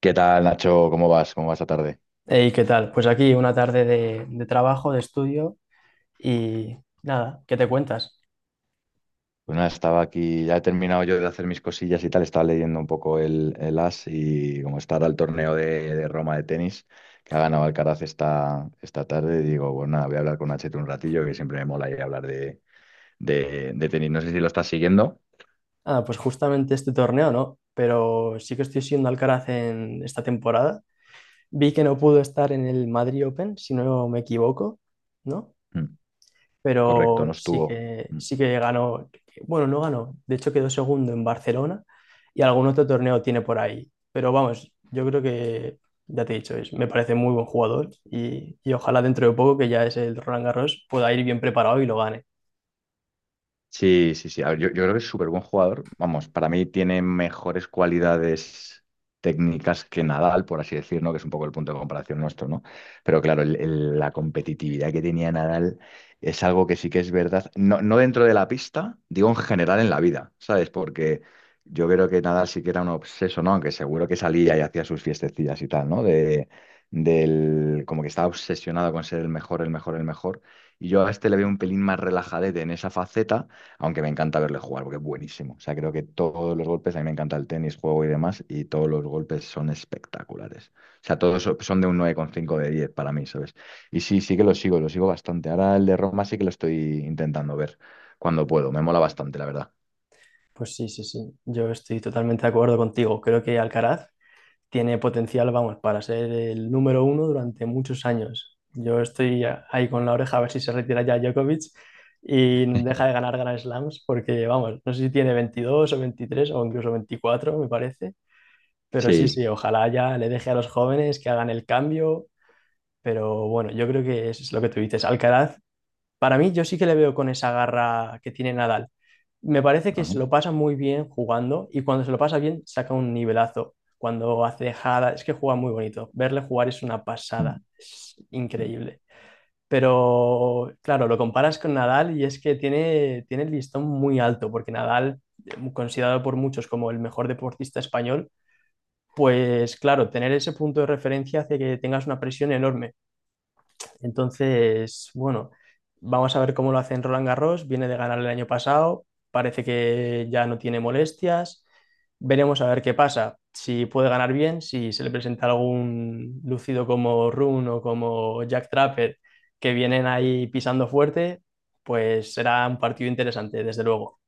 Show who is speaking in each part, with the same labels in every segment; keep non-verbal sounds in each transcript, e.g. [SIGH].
Speaker 1: ¿Qué tal, Nacho? ¿Cómo vas? ¿Cómo va esta tarde?
Speaker 2: Hey, ¿qué tal? Pues aquí una tarde de trabajo, de estudio y nada, ¿qué te cuentas?
Speaker 1: Pues nada, estaba aquí, ya he terminado yo de hacer mis cosillas y tal, estaba leyendo un poco el As y como está ahora el torneo de Roma de tenis que ha ganado Alcaraz esta tarde, digo, bueno, nada, voy a hablar con Nachito un ratillo que siempre me mola ir a hablar de tenis. No sé si lo estás siguiendo.
Speaker 2: Nada, pues justamente este torneo no, pero sí que estoy siendo Alcaraz en esta temporada. Vi que no pudo estar en el Madrid Open, si no me equivoco, ¿no?
Speaker 1: Mm, correcto, no
Speaker 2: Pero sí
Speaker 1: estuvo.
Speaker 2: que,
Speaker 1: Mm.
Speaker 2: sí que ganó, bueno, no ganó, de hecho quedó segundo en Barcelona y algún otro torneo tiene por ahí. Pero vamos, yo creo que, ya te he dicho, me parece muy buen jugador y ojalá dentro de poco, que ya es el Roland Garros, pueda ir bien preparado y lo gane.
Speaker 1: Sí, sí, sí. A ver, yo creo que es súper buen jugador. Vamos, para mí tiene mejores cualidades técnicas que Nadal, por así decirlo, que es un poco el punto de comparación nuestro, ¿no? Pero claro, la competitividad que tenía Nadal es algo que sí que es verdad. No, no dentro de la pista, digo en general en la vida, ¿sabes? Porque yo creo que Nadal sí que era un obseso, ¿no? Aunque seguro que salía y hacía sus fiestecillas y tal, ¿no? Como que estaba obsesionado con ser el mejor, el mejor, el mejor. Y yo a este le veo un pelín más relajadete en esa faceta. Aunque me encanta verle jugar porque es buenísimo. O sea, creo que todos los golpes, a mí me encanta el tenis, juego y demás, y todos los golpes son espectaculares. O sea, todos son de un 9,5 de 10 para mí, ¿sabes? Y sí, sí que lo sigo bastante. Ahora el de Roma sí que lo estoy intentando ver cuando puedo. Me mola bastante, la verdad.
Speaker 2: Pues sí, sí, sí, yo estoy totalmente de acuerdo contigo. Creo que Alcaraz tiene potencial, vamos, para ser el número uno durante muchos años. Yo estoy ahí con la oreja a ver si se retira ya Djokovic y deja de ganar Grand Slams, porque, vamos, no sé si tiene 22 o 23 o incluso 24, me parece. Pero sí,
Speaker 1: Sí.
Speaker 2: sí, ojalá ya le deje a los jóvenes que hagan el cambio. Pero bueno, yo creo que es lo que tú dices. Alcaraz, para mí, yo sí que le veo con esa garra que tiene Nadal. Me parece que
Speaker 1: Ajá.
Speaker 2: se lo pasa muy bien jugando y cuando se lo pasa bien saca un nivelazo. Cuando hace jada, es que juega muy bonito. Verle jugar es una
Speaker 1: Mm.
Speaker 2: pasada, es increíble. Pero claro, lo comparas con Nadal y es que tiene el listón muy alto, porque Nadal, considerado por muchos como el mejor deportista español, pues claro, tener ese punto de referencia hace que tengas una presión enorme. Entonces, bueno, vamos a ver cómo lo hace en Roland Garros. Viene de ganar el año pasado, parece que ya no tiene molestias. Veremos a ver qué pasa. Si puede ganar bien, si se le presenta algún lucido como Rune o como Jack Trapper que vienen ahí pisando fuerte, pues será un partido interesante, desde luego.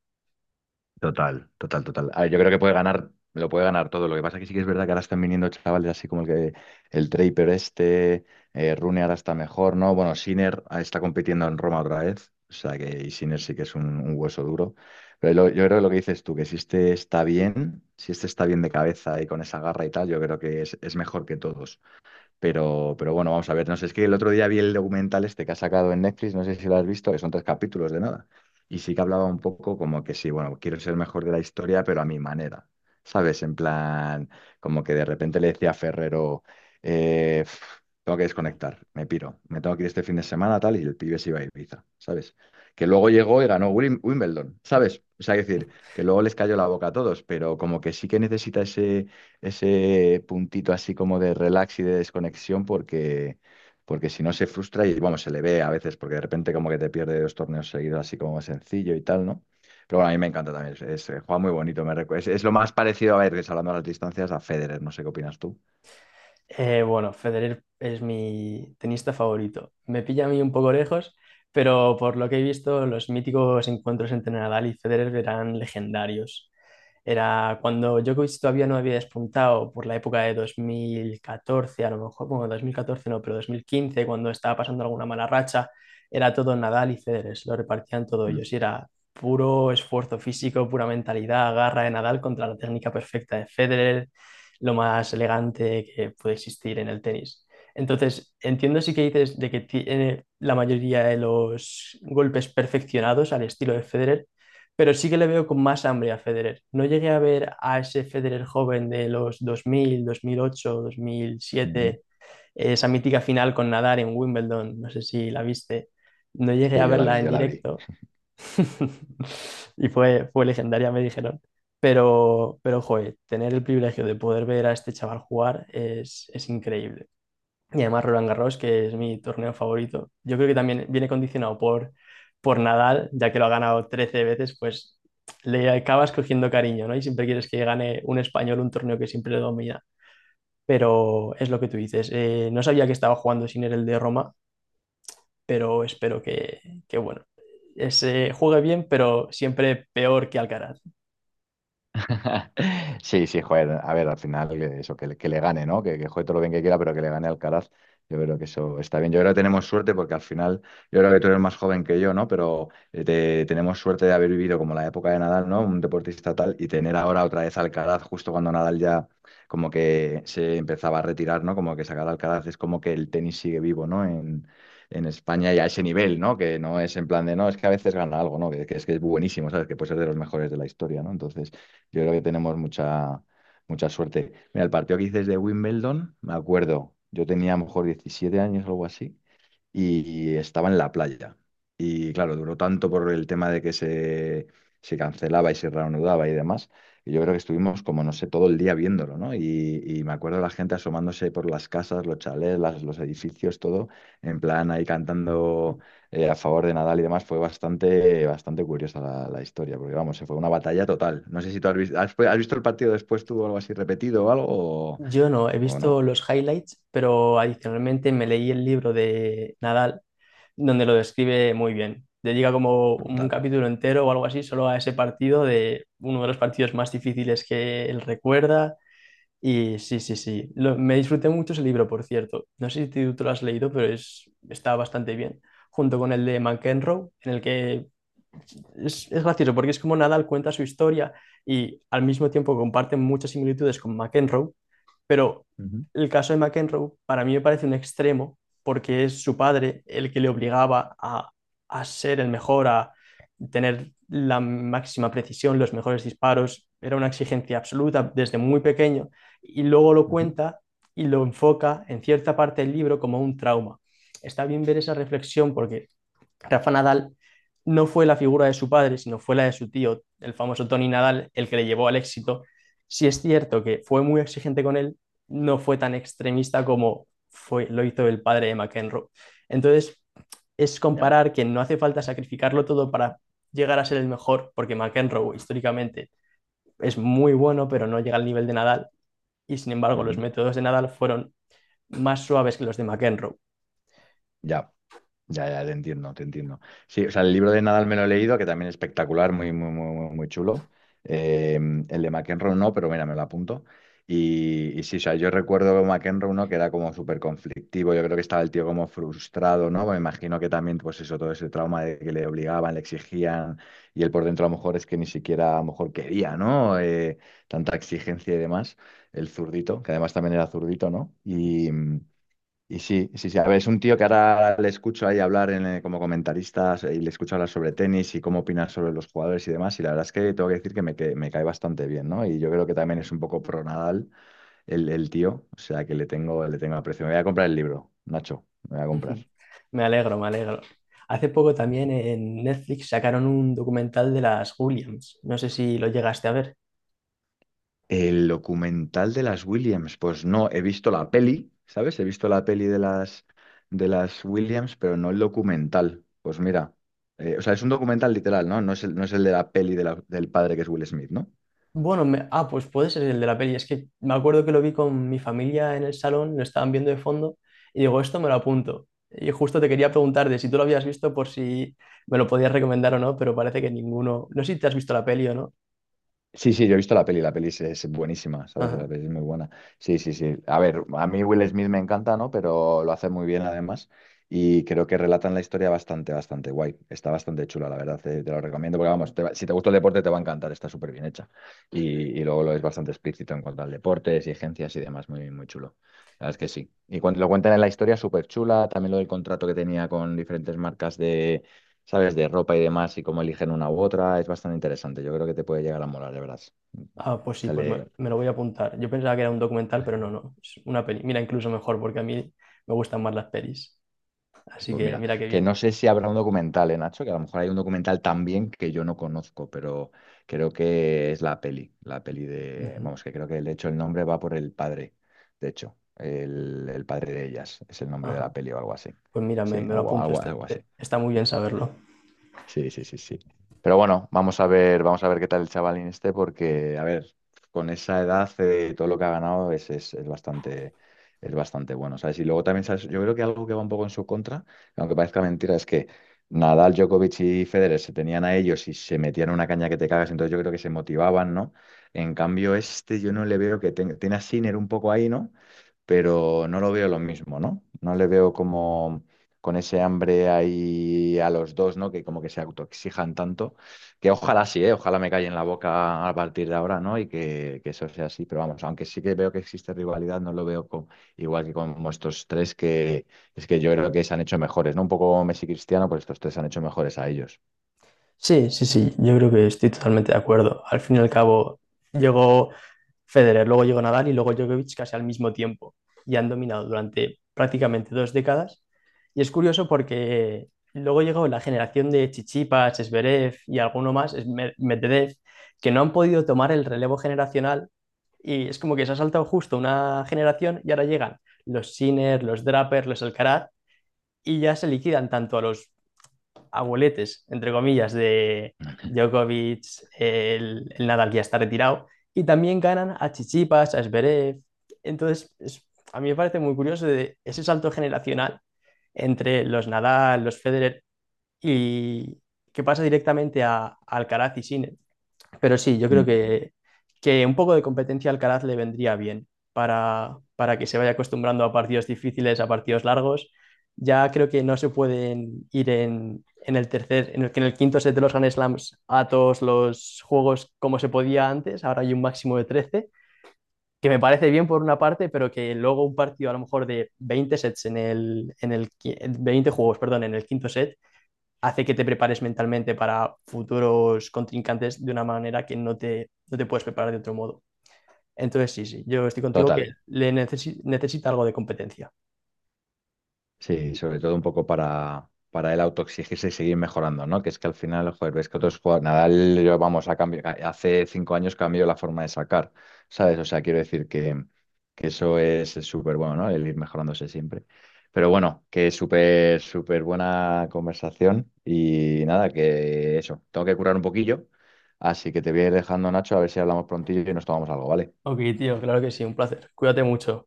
Speaker 1: Total, total, total. A ver, yo creo que puede ganar, lo puede ganar todo. Lo que pasa que sí que es verdad que ahora están viniendo chavales así como el Draper este, Rune ahora está mejor, ¿no? Bueno, Sinner está compitiendo en Roma otra vez. O sea que y Sinner sí que es un hueso duro. Pero yo creo que lo que dices tú, que si este está bien, si este está bien de cabeza y con esa garra y tal, yo creo que es mejor que todos. Pero bueno, vamos a ver. No sé, es que el otro día vi el documental este que ha sacado en Netflix, no sé si lo has visto, que son tres capítulos de nada. Y sí que hablaba un poco como que sí, bueno, quiero ser el mejor de la historia, pero a mi manera. ¿Sabes? En plan, como que de repente le decía a Ferrero, eh, "Pf, tengo que desconectar, me piro, me tengo que ir este fin de semana, tal, y el pibe se iba a Ibiza, ¿sabes? Que luego llegó y ganó Wimbledon, ¿sabes? O sea, es decir, que luego les cayó la boca a todos, pero como que sí que necesita ese ese puntito así como de relax y de desconexión porque, porque si no se frustra y bueno, se le ve a veces porque de repente como que te pierde dos torneos seguidos así como sencillo y tal, ¿no? Pero bueno, a mí me encanta también, juega muy bonito, es lo más parecido a ver, que hablando de las distancias, a Federer, no sé qué opinas tú.
Speaker 2: Bueno, Federer es mi tenista favorito. Me pilla a mí un poco lejos, pero por lo que he visto, los míticos encuentros entre Nadal y Federer eran legendarios. Era cuando Djokovic todavía no había despuntado por la época de 2014, a lo mejor, bueno, 2014 no, pero 2015, cuando estaba pasando alguna mala racha, era todo Nadal y Federer, se lo repartían todo
Speaker 1: Mm.
Speaker 2: ellos. Y era puro esfuerzo físico, pura mentalidad, garra de Nadal contra la técnica perfecta de Federer, lo más elegante que puede existir en el tenis. Entonces, entiendo sí que dices de que tiene la mayoría de los golpes perfeccionados al estilo de Federer, pero sí que le veo con más hambre a Federer. No llegué a ver a ese Federer joven de los 2000, 2008,
Speaker 1: Ujú.
Speaker 2: 2007, esa mítica final con Nadal en Wimbledon, no sé si la viste, no llegué
Speaker 1: Sí,
Speaker 2: a
Speaker 1: yo la
Speaker 2: verla
Speaker 1: vi,
Speaker 2: en
Speaker 1: yo la vi.
Speaker 2: directo. [LAUGHS] Y fue legendaria, me dijeron. Joder, tener el privilegio de poder ver a este chaval jugar es increíble. Y además Roland Garros, que es mi torneo favorito, yo creo que también viene condicionado por Nadal, ya que lo ha ganado 13 veces, pues le acabas cogiendo cariño, ¿no? Y siempre quieres que gane un español un torneo que siempre lo domina. Pero es lo que tú dices. No sabía que estaba jugando sin él el de Roma, pero espero que bueno, se juegue bien, pero siempre peor que Alcaraz.
Speaker 1: [LAUGHS] Sí, sí, joder, a ver, al final que eso, que le gane, ¿no? Que juegue todo lo bien que quiera, pero que le gane Alcaraz. Yo creo que eso está bien. Yo creo que tenemos suerte porque al final, yo creo que tú eres más joven que yo, ¿no? Pero tenemos suerte de haber vivido como la época de Nadal, ¿no? Un deportista tal y tener ahora otra vez a Alcaraz justo cuando Nadal ya como que se empezaba a retirar, ¿no? Como que sacar a Alcaraz es como que el tenis sigue vivo, ¿no? En España y a ese nivel, ¿no? Que no es en plan de, no, es que a veces gana algo, ¿no? Que es que es buenísimo, ¿sabes? Que puede ser de los mejores de la historia, ¿no? Entonces... Yo creo que tenemos mucha, mucha suerte. Mira, el partido que dices de Wimbledon, me acuerdo, yo tenía a lo mejor 17 años o algo así, y estaba en la playa. Y claro, duró tanto por el tema de que se cancelaba y se reanudaba y demás. Y yo creo que estuvimos como, no sé, todo el día viéndolo, ¿no? Y me acuerdo la gente asomándose por las casas, los chalés, los edificios, todo, en plan ahí cantando a favor de Nadal y demás. Fue bastante, bastante curiosa la historia, porque vamos, se fue una batalla total. No sé si tú has visto, has visto el partido después tú o algo así repetido o algo o,
Speaker 2: Yo no, he
Speaker 1: o no.
Speaker 2: visto los highlights, pero adicionalmente me leí el libro de Nadal, donde lo describe muy bien. Dedica como un
Speaker 1: Brutal.
Speaker 2: capítulo entero o algo así solo a ese partido, de uno de los partidos más difíciles que él recuerda. Y sí, sí, sí. Me disfruté mucho ese libro, por cierto. No sé si tú lo has leído, pero está bastante bien. Junto con el de McEnroe, en el que es gracioso porque es como Nadal cuenta su historia y al mismo tiempo comparten muchas similitudes con McEnroe, pero
Speaker 1: Ujú,
Speaker 2: el caso de McEnroe para mí me parece un extremo porque es su padre el que le obligaba a ser el mejor, a tener la máxima precisión, los mejores disparos. Era una exigencia absoluta desde muy pequeño y luego lo
Speaker 1: ujú.
Speaker 2: cuenta y lo enfoca en cierta parte del libro como un trauma. Está bien ver esa reflexión porque Rafa Nadal no fue la figura de su padre, sino fue la de su tío, el famoso Tony Nadal, el que le llevó al éxito. Sí es cierto que fue muy exigente con él, no fue tan extremista como fue, lo hizo el padre de McEnroe. Entonces, es
Speaker 1: Ya.
Speaker 2: comparar que no hace falta sacrificarlo todo para llegar a ser el mejor, porque McEnroe históricamente es muy bueno, pero no llega al nivel de Nadal, y sin embargo los
Speaker 1: Ujú.
Speaker 2: métodos de Nadal fueron más suaves que los de McEnroe.
Speaker 1: Ya. Ya, ya, te entiendo, te entiendo. Sí, o sea, el libro de Nadal me lo he leído, que también es espectacular, muy, muy, muy, muy muy chulo. Eh, el de McEnroe no, pero mira, me lo apunto. Y sí, o sea, yo recuerdo McEnroe no, que era como súper conflictivo, yo creo que estaba el tío como frustrado, ¿no? Me imagino que también, pues eso, todo ese trauma de que le obligaban, le exigían, y él por dentro a lo mejor es que ni siquiera a lo mejor quería, ¿no? Tanta exigencia y demás, el zurdito, que además también era zurdito, ¿no? Y sí, sí, sí. A ver, es un tío que ahora le escucho ahí hablar como comentarista y le escucho hablar sobre tenis y cómo opinar sobre los jugadores y demás. Y la verdad es que tengo que decir que me cae bastante bien, ¿no? Y yo creo que también es un poco pro Nadal el tío. O sea que le tengo aprecio. Me voy a comprar el libro, Nacho. Me voy a
Speaker 2: [LAUGHS]
Speaker 1: comprar.
Speaker 2: Ujú. Me alegro, me alegro. Hace poco también en Netflix sacaron un documental de las Williams. No sé si lo llegaste a ver.
Speaker 1: El documental de las Williams, pues no, he visto la peli, ¿sabes? He visto la peli de las Williams, pero no el documental. Pues mira, o sea, es un documental literal, ¿no? No es el de la peli de del padre que es Will Smith, ¿no?
Speaker 2: Bueno, ah, pues puede ser el de la peli. Es que me acuerdo que lo vi con mi familia en el salón, lo estaban viendo de fondo y digo, esto me lo apunto. Y justo te quería preguntar de si tú lo habías visto por si me lo podías recomendar o no, pero parece que ninguno. No sé si te has visto la peli o no.
Speaker 1: Sí, sí, yo he visto la peli es buenísima, ¿sabes? La
Speaker 2: Ajá.
Speaker 1: peli es muy buena. Sí, sí, sí. A ver, a mí Will Smith me encanta, ¿no? Pero lo hace muy bien además y creo que relatan la historia bastante, bastante guay. Está bastante chula, la verdad, te lo recomiendo porque vamos, si te gusta el deporte te va a encantar, está súper bien hecha. Y, y luego lo es bastante explícito en cuanto al deporte, exigencias y demás, muy, muy chulo. La verdad es que sí. Y cuando lo cuentan en la historia, súper chula, también lo del contrato que tenía con diferentes marcas sabes, de ropa y demás y cómo eligen una u otra, es bastante interesante. Yo creo que te puede llegar a molar, de verdad.
Speaker 2: Ah, pues sí, pues me,
Speaker 1: Sale,
Speaker 2: me lo voy a apuntar. Yo pensaba que era un documental, pero no, no, es una peli. Mira, incluso mejor porque a mí me gustan más las pelis. Así
Speaker 1: pues
Speaker 2: que
Speaker 1: mira,
Speaker 2: mira qué
Speaker 1: que
Speaker 2: bien.
Speaker 1: no sé si habrá un documental, ¿eh, Nacho? Que a lo mejor hay un documental también que yo no conozco, pero creo que es
Speaker 2: Ujú.
Speaker 1: vamos, que creo que de hecho el nombre va por el padre, de hecho, el padre de ellas, es el nombre de
Speaker 2: Ajá.
Speaker 1: la peli o algo así.
Speaker 2: Pues mira,
Speaker 1: Sí,
Speaker 2: me lo
Speaker 1: algo,
Speaker 2: apunto.
Speaker 1: algo,
Speaker 2: Está,
Speaker 1: algo
Speaker 2: eh,
Speaker 1: así.
Speaker 2: está muy bien saberlo.
Speaker 1: Sí, sí, sí, sí. Pero bueno, vamos a ver qué tal el chavalín este, porque, a ver, con esa edad, todo lo que ha ganado es bastante bueno, ¿sabes? Y luego también, ¿sabes? Yo creo que algo que va un poco en su contra, aunque parezca mentira, es que Nadal, Djokovic y Federer se tenían a ellos y se metían una caña que te cagas, entonces yo creo que se motivaban, ¿no? En cambio, este yo no le veo que tiene a Sinner un poco ahí, ¿no? Pero no lo veo lo mismo, ¿no? No le veo como con ese hambre ahí a los dos, ¿no? Que como que se autoexijan tanto, que ojalá sí, ¿eh? Ojalá me calle en la boca a partir de ahora, ¿no? Y que eso sea así, pero vamos, aunque sí que veo que existe rivalidad, no lo veo igual que con estos tres, que es que yo creo que se han hecho mejores, ¿no? Un poco Messi y Cristiano, pues estos tres se han hecho mejores a ellos.
Speaker 2: Sí, sí, sí, yo creo que estoy totalmente de acuerdo. Al fin y al cabo, llegó Federer, luego llegó Nadal y luego Djokovic casi al mismo tiempo y han dominado durante prácticamente dos décadas. Y es curioso porque luego llegó la generación de Chichipas, Zverev y alguno más, Medvedev, que no han podido tomar el relevo generacional y es como que se ha saltado justo una generación y ahora llegan los Sinner, los Draper, los Alcaraz y ya se liquidan tanto a los abueletes, entre comillas, de Djokovic, el Nadal que ya está retirado, y también ganan a Chichipas, a Zverev. Entonces, a mí me parece muy curioso de ese salto generacional entre los Nadal, los Federer, y que pasa directamente a Alcaraz y Sinner. Pero sí, yo creo
Speaker 1: Mm.
Speaker 2: que un poco de competencia al Alcaraz le vendría bien para que se vaya acostumbrando a partidos difíciles, a partidos largos. Ya creo que no se pueden ir en el tercer, en el, que en el quinto set de los Grand Slams a todos los juegos como se podía antes. Ahora hay un máximo de 13, que me parece bien por una parte, pero que luego un partido a lo mejor de 20 sets 20 juegos, perdón, en el quinto set hace que te prepares mentalmente para futuros contrincantes de una manera que no te puedes preparar de otro modo. Entonces, sí, sí, yo estoy contigo que
Speaker 1: Total.
Speaker 2: le necesita algo de competencia.
Speaker 1: Sí, sobre todo un poco para él autoexigirse y seguir mejorando, ¿no? Que es que al final, joder, ves que otros jugadores, Nadal, yo, vamos, a cambio, hace 5 años cambió la forma de sacar, ¿sabes? O sea, quiero decir que eso es súper bueno, ¿no? El ir mejorándose siempre. Pero bueno, que es súper, súper buena conversación y nada, que eso, tengo que curar un poquillo, así que te voy a ir dejando, Nacho, a ver si hablamos prontillo y nos tomamos algo, ¿vale?
Speaker 2: Ok, tío, claro que sí, un placer. Cuídate mucho.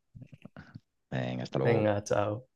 Speaker 1: Venga, hasta luego.
Speaker 2: Venga, chao.